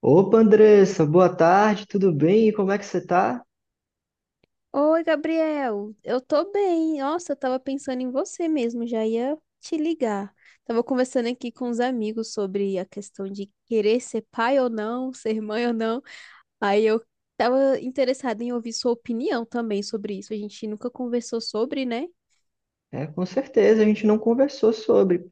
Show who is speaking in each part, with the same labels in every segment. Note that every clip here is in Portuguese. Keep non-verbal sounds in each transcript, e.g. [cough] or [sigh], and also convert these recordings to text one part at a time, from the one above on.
Speaker 1: Opa, Andressa, boa tarde, tudo bem? E como é que você tá?
Speaker 2: Oi, Gabriel. Eu tô bem. Nossa, eu tava pensando em você mesmo, já ia te ligar. Tava conversando aqui com os amigos sobre a questão de querer ser pai ou não, ser mãe ou não. Aí eu tava interessada em ouvir sua opinião também sobre isso. A gente nunca conversou sobre, né?
Speaker 1: É, com certeza, a gente não conversou sobre.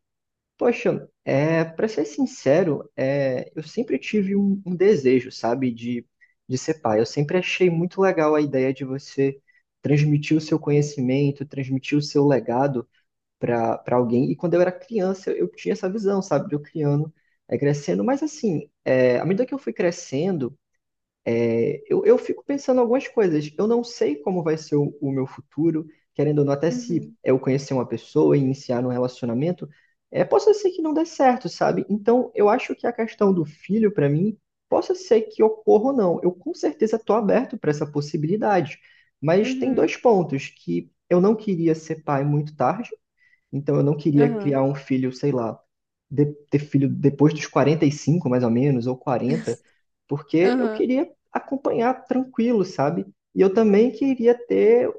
Speaker 1: Poxa, para ser sincero, eu sempre tive um desejo, sabe, de ser pai. Eu sempre achei muito legal a ideia de você transmitir o seu conhecimento, transmitir o seu legado para alguém. E quando eu era criança, eu tinha essa visão, sabe, de eu criando, crescendo. Mas assim, à medida que eu fui crescendo, eu fico pensando algumas coisas. Eu não sei como vai ser o meu futuro, querendo ou não, até se
Speaker 2: Uhum,
Speaker 1: eu conhecer uma pessoa e iniciar um relacionamento, possa ser que não dê certo, sabe? Então, eu acho que a questão do filho, para mim, possa ser que ocorra ou não. Eu com certeza estou aberto para essa possibilidade. Mas tem
Speaker 2: uhum,
Speaker 1: dois pontos: que eu não queria ser pai muito tarde, então eu não queria
Speaker 2: aham,
Speaker 1: criar um filho, sei lá, ter filho depois dos 45, mais ou menos, ou 40,
Speaker 2: [laughs]
Speaker 1: porque eu
Speaker 2: aham,
Speaker 1: queria acompanhar tranquilo, sabe? E eu também queria ter,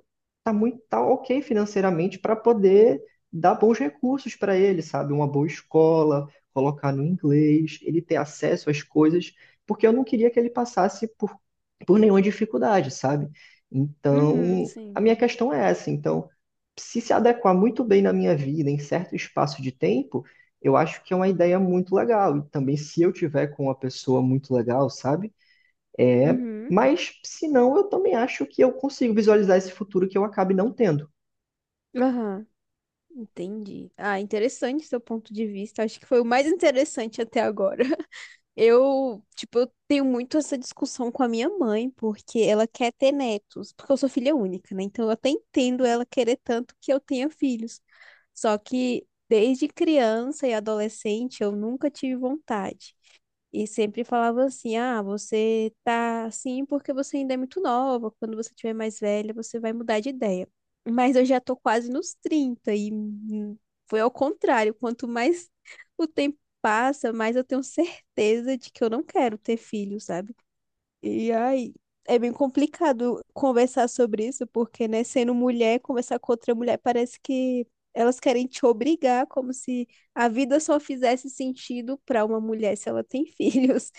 Speaker 1: tá ok financeiramente para poder dar bons recursos para ele, sabe? Uma boa escola, colocar no inglês, ele ter acesso às coisas, porque eu não queria que ele passasse por nenhuma dificuldade, sabe?
Speaker 2: uhum,
Speaker 1: Então, a
Speaker 2: sim,
Speaker 1: minha questão é essa. Então, se adequar muito bem na minha vida, em certo espaço de tempo, eu acho que é uma ideia muito legal. E também, se eu tiver com uma pessoa muito legal, sabe? É,
Speaker 2: uhum,
Speaker 1: mas, se não, eu também acho que eu consigo visualizar esse futuro que eu acabe não tendo.
Speaker 2: aham. Entendi. Ah, interessante seu ponto de vista. Acho que foi o mais interessante até agora. Eu, tipo, eu tenho muito essa discussão com a minha mãe, porque ela quer ter netos, porque eu sou filha única, né? Então eu até entendo ela querer tanto que eu tenha filhos. Só que desde criança e adolescente eu nunca tive vontade. E sempre falava assim: ah, você tá assim porque você ainda é muito nova. Quando você tiver mais velha, você vai mudar de ideia. Mas eu já tô quase nos 30 e foi ao contrário. Quanto mais [laughs] o tempo passa, mais eu tenho certeza de que eu não quero ter filho, sabe? E aí, é bem complicado conversar sobre isso, porque, né, sendo mulher, conversar com outra mulher parece que elas querem te obrigar, como se a vida só fizesse sentido para uma mulher se ela tem [laughs] filhos.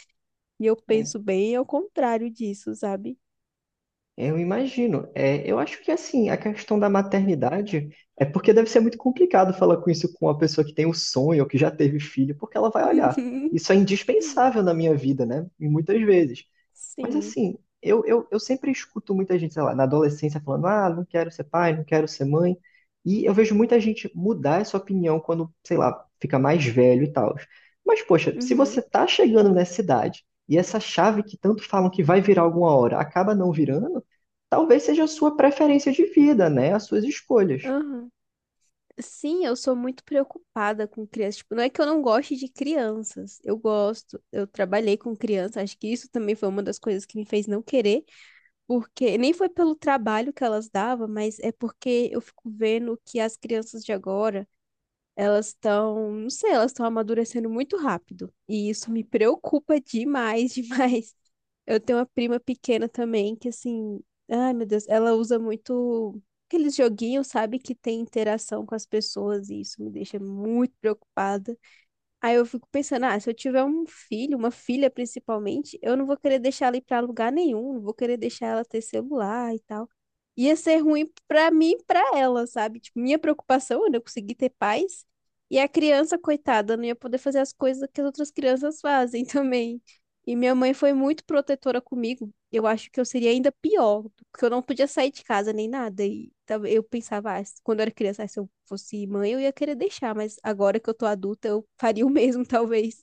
Speaker 2: E eu
Speaker 1: Né?
Speaker 2: penso bem ao contrário disso, sabe?
Speaker 1: Eu imagino. É, eu acho que, assim, a questão da maternidade é porque deve ser muito complicado falar com isso com uma pessoa que tem o sonho ou que já teve filho, porque ela vai olhar.
Speaker 2: Uhum,
Speaker 1: Isso é indispensável na minha vida, né? E muitas vezes. Mas
Speaker 2: Sim.
Speaker 1: assim, eu sempre escuto muita gente, sei lá, na adolescência falando, ah, não quero ser pai, não quero ser mãe. E eu vejo muita gente mudar essa opinião quando, sei lá, fica mais velho e tal. Mas, poxa, se
Speaker 2: Uhum.
Speaker 1: você tá chegando nessa idade e essa chave que tanto falam que vai virar alguma hora acaba não virando, talvez seja a sua preferência de vida, né? As suas escolhas.
Speaker 2: Aham. Sim, eu sou muito preocupada com crianças. Tipo, não é que eu não goste de crianças. Eu gosto. Eu trabalhei com criança. Acho que isso também foi uma das coisas que me fez não querer. Porque nem foi pelo trabalho que elas davam, mas é porque eu fico vendo que as crianças de agora, elas estão, não sei, elas estão amadurecendo muito rápido. E isso me preocupa demais, [laughs] demais. Eu tenho uma prima pequena também que assim, ai meu Deus, ela usa muito aqueles joguinhos, sabe, que tem interação com as pessoas e isso me deixa muito preocupada. Aí eu fico pensando, ah, se eu tiver um filho, uma filha principalmente, eu não vou querer deixar ela ir pra lugar nenhum, não vou querer deixar ela ter celular e tal. Ia ser ruim pra mim e pra ela, sabe? Tipo, minha preocupação era eu conseguir ter paz e a criança, coitada, não ia poder fazer as coisas que as outras crianças fazem [laughs] também. E minha mãe foi muito protetora comigo. Eu acho que eu seria ainda pior, porque eu não podia sair de casa nem nada. E eu pensava, ah, quando eu era criança, ah, se eu fosse mãe, eu ia querer deixar. Mas agora que eu tô adulta, eu faria o mesmo, [laughs] talvez.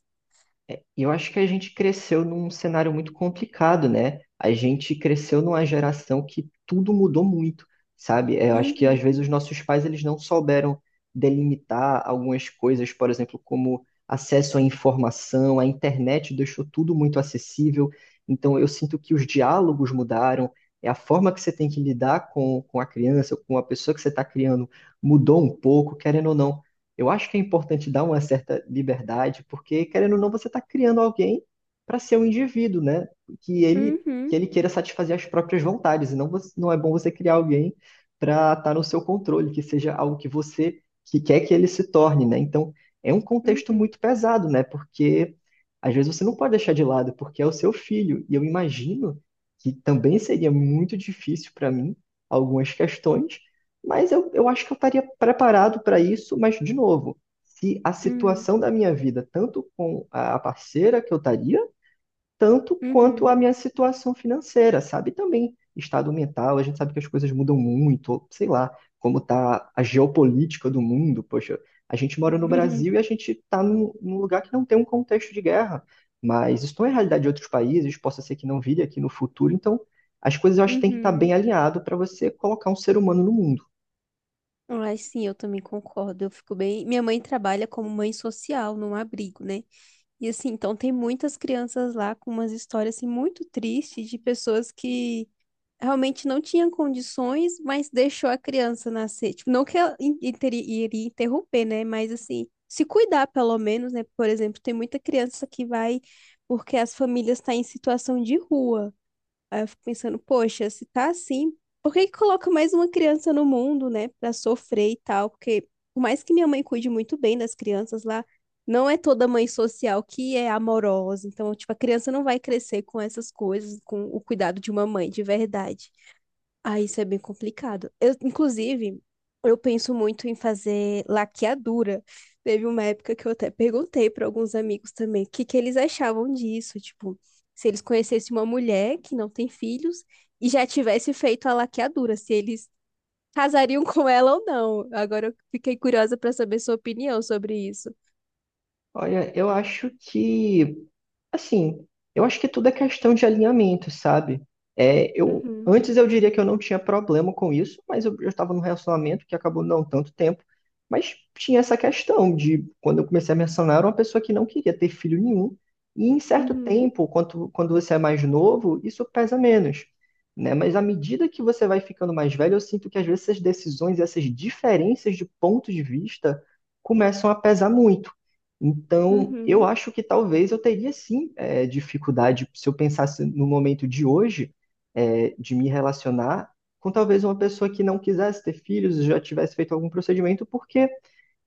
Speaker 1: E eu acho que a gente cresceu num cenário muito complicado, né? A gente cresceu numa geração que tudo mudou muito, sabe? É, eu acho que às
Speaker 2: Uhum,
Speaker 1: vezes os nossos pais eles não souberam delimitar algumas coisas, por exemplo, como acesso à informação, a internet deixou tudo muito acessível. Então eu sinto que os diálogos mudaram, é a forma que você tem que lidar com a criança, com a pessoa que você está criando mudou um pouco, querendo ou não. Eu acho que é importante dar uma certa liberdade, porque, querendo ou não, você está criando alguém para ser um indivíduo, né? Que ele, que
Speaker 2: uhum,
Speaker 1: ele queira satisfazer as próprias vontades, e não, não é bom você criar alguém para estar no seu controle, que seja algo que você que quer que ele se torne, né? Então, é um contexto
Speaker 2: uhum,
Speaker 1: muito pesado, né? Porque, às vezes, você não pode deixar de lado, porque é o seu filho, e eu imagino que também seria muito difícil para mim algumas questões, mas eu acho que eu estaria preparado para isso, mas de novo, se a
Speaker 2: uhum,
Speaker 1: situação da minha vida, tanto com a parceira que eu estaria, tanto quanto
Speaker 2: uhum,
Speaker 1: a minha situação financeira, sabe? Também estado mental, a gente sabe que as coisas mudam muito, ou sei lá, como está a geopolítica do mundo. Poxa, a gente mora no Brasil e a
Speaker 2: [laughs]
Speaker 1: gente está num lugar que não tem um contexto de guerra, mas isso não é realidade de outros países, possa ser que não vire aqui no futuro, então as coisas eu acho que tem que estar bem
Speaker 2: uhum.
Speaker 1: alinhado para você colocar um ser humano no mundo.
Speaker 2: Mas sim, eu também concordo. Eu fico bem. Minha mãe trabalha como mãe social num abrigo, né? E assim, então tem muitas crianças lá com umas histórias assim muito tristes de pessoas que realmente não tinha condições, mas deixou a criança nascer. Tipo, não que ela iria interromper, né? Mas assim, se cuidar pelo menos, né? Por exemplo, tem muita criança que vai porque as famílias estão em situação de rua. Aí eu fico pensando, poxa, se tá assim, por que que coloca mais uma criança no mundo, né? Pra sofrer e tal? Porque por mais que minha mãe cuide muito bem das crianças lá, não é toda mãe social que é amorosa. Então, tipo, a criança não vai crescer com essas coisas, com o cuidado de uma mãe, de verdade. Ah, isso é bem complicado. Eu, inclusive, eu penso muito em fazer laqueadura. Teve uma época que eu até perguntei para alguns amigos também o que que eles achavam disso, tipo, se eles conhecessem uma mulher que não tem filhos e já tivesse feito a laqueadura, se eles casariam [laughs] com ela ou não. Agora eu fiquei curiosa para saber sua opinião sobre isso.
Speaker 1: Olha, eu acho que, assim, eu acho que tudo é questão de alinhamento, sabe? É,
Speaker 2: Uhum,
Speaker 1: eu diria que eu não tinha problema com isso, mas eu estava num relacionamento que acabou não tanto tempo, mas tinha essa questão de quando eu comecei a mencionar, era uma pessoa que não queria ter filho nenhum, e em certo
Speaker 2: uhum,
Speaker 1: tempo, quando você é mais novo, isso pesa menos, né? Mas à medida que você vai ficando mais velho, eu sinto que às vezes essas decisões, essas diferenças de ponto de vista começam a pesar muito. Então, eu
Speaker 2: uhum,
Speaker 1: acho que talvez eu teria sim dificuldade, se eu pensasse no momento de hoje, de me relacionar com talvez uma pessoa que não quisesse ter filhos, já tivesse feito algum procedimento, porque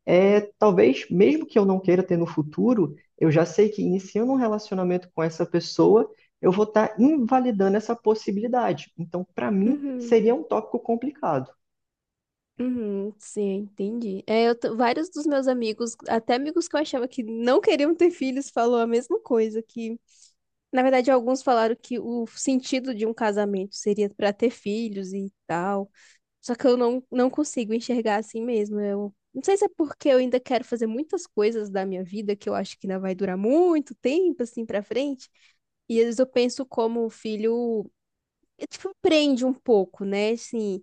Speaker 1: talvez, mesmo que eu não queira ter no futuro, eu já sei que iniciando um relacionamento com essa pessoa, eu vou estar invalidando essa possibilidade. Então, para mim,
Speaker 2: uhum.
Speaker 1: seria um tópico complicado.
Speaker 2: Uhum, sim, entendi. É, vários dos meus amigos, até amigos que eu achava que não queriam ter filhos, falou a mesma coisa, que na verdade alguns falaram que o sentido de um casamento seria para ter filhos e tal. Só que eu não consigo enxergar assim mesmo. Eu não sei se é porque eu ainda quero fazer muitas coisas da minha vida que eu acho que ainda vai durar muito tempo assim para frente, e às vezes eu penso como o filho, tipo, prende um pouco, né? Assim,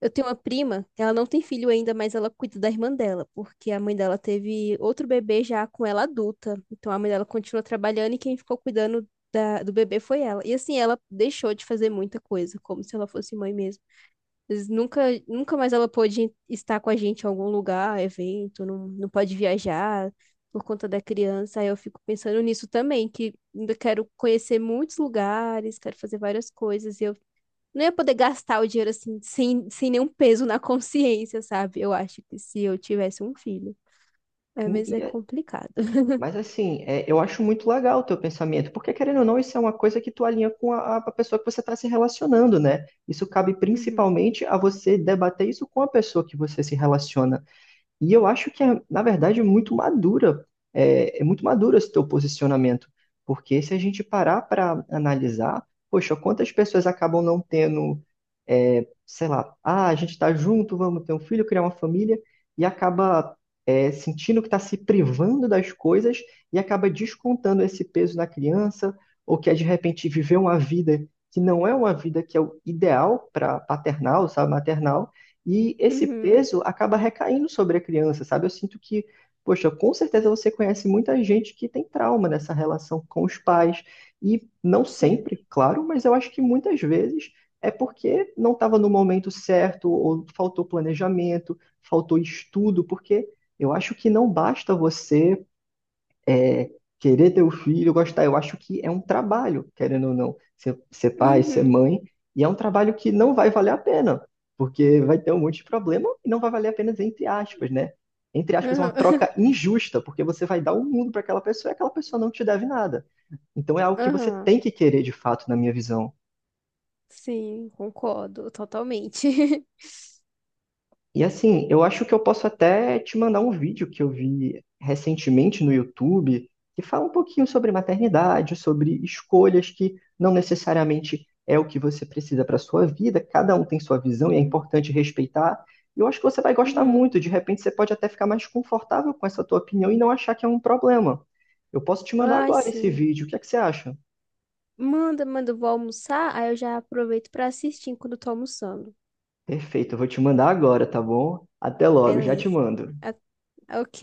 Speaker 2: eu tenho uma prima, ela não tem filho ainda, mas ela cuida da irmã dela, porque a mãe dela teve outro bebê já com ela adulta. Então a mãe dela continua trabalhando e quem ficou cuidando do bebê foi ela. E assim, ela deixou de fazer muita coisa, como se ela fosse mãe mesmo. Mas nunca, nunca mais ela pôde estar com a gente em algum lugar, evento, não, não pode viajar por conta da criança. Aí eu fico pensando nisso também, que ainda quero conhecer muitos lugares, quero fazer várias coisas, e eu não ia poder gastar o dinheiro assim, sem nenhum peso na consciência, sabe? Eu acho que se eu tivesse um filho. É, mas é
Speaker 1: E,
Speaker 2: complicado.
Speaker 1: Mas assim, eu acho muito legal o teu pensamento, porque querendo ou não, isso é uma coisa que tu alinha com a pessoa que você está se relacionando, né? Isso cabe
Speaker 2: Uhum.
Speaker 1: principalmente a você debater isso com a pessoa que você se relaciona. E eu acho que é, na verdade, é muito madura, é muito maduro esse teu posicionamento, porque se a gente parar para analisar, poxa, quantas pessoas acabam não tendo, é, sei lá, ah, a gente está junto, vamos ter um filho, criar uma família, e acaba, sentindo que está se privando das coisas e acaba descontando esse peso na criança, ou que é, de repente viveu uma vida que não é uma vida que é o ideal para paternal, sabe, maternal, e esse
Speaker 2: Uhum.
Speaker 1: peso acaba recaindo sobre a criança, sabe? Eu sinto que, poxa, com certeza você conhece muita gente que tem trauma nessa relação com os pais. E não
Speaker 2: Sim.
Speaker 1: sempre, claro, mas eu acho que muitas vezes é porque não estava no momento certo, ou faltou planejamento, faltou estudo, porque eu acho que não basta você é, querer ter o filho, gostar. Eu acho que é um trabalho, querendo ou não, ser pai, ser
Speaker 2: Uhum.
Speaker 1: mãe, e é um trabalho que não vai valer a pena, porque vai ter um monte de problema e não vai valer a pena, entre aspas, né? Entre aspas, é uma
Speaker 2: Aham.
Speaker 1: troca
Speaker 2: [laughs]
Speaker 1: injusta, porque você vai dar o mundo para aquela pessoa e aquela pessoa não te deve nada. Então é algo que você
Speaker 2: Aham.
Speaker 1: tem que querer de fato, na minha visão.
Speaker 2: Sim, concordo totalmente. [laughs]
Speaker 1: E assim, eu acho que eu posso até te mandar um vídeo que eu vi recentemente no YouTube, que fala um pouquinho sobre maternidade, sobre escolhas que não necessariamente é o que você precisa para sua vida, cada um tem sua visão e é
Speaker 2: Hum,
Speaker 1: importante respeitar. E eu acho que você vai gostar
Speaker 2: uhum.
Speaker 1: muito, de repente você pode até ficar mais confortável com essa tua opinião e não achar que é um problema. Eu posso te mandar
Speaker 2: Ai,
Speaker 1: agora esse
Speaker 2: sim.
Speaker 1: vídeo, o que é que você acha?
Speaker 2: Manda, manda, eu vou almoçar, aí eu já aproveito pra assistir enquanto eu tô almoçando.
Speaker 1: Perfeito, eu vou te mandar agora, tá bom? Até logo, já te
Speaker 2: Beleza.
Speaker 1: mando.
Speaker 2: Ah, ok.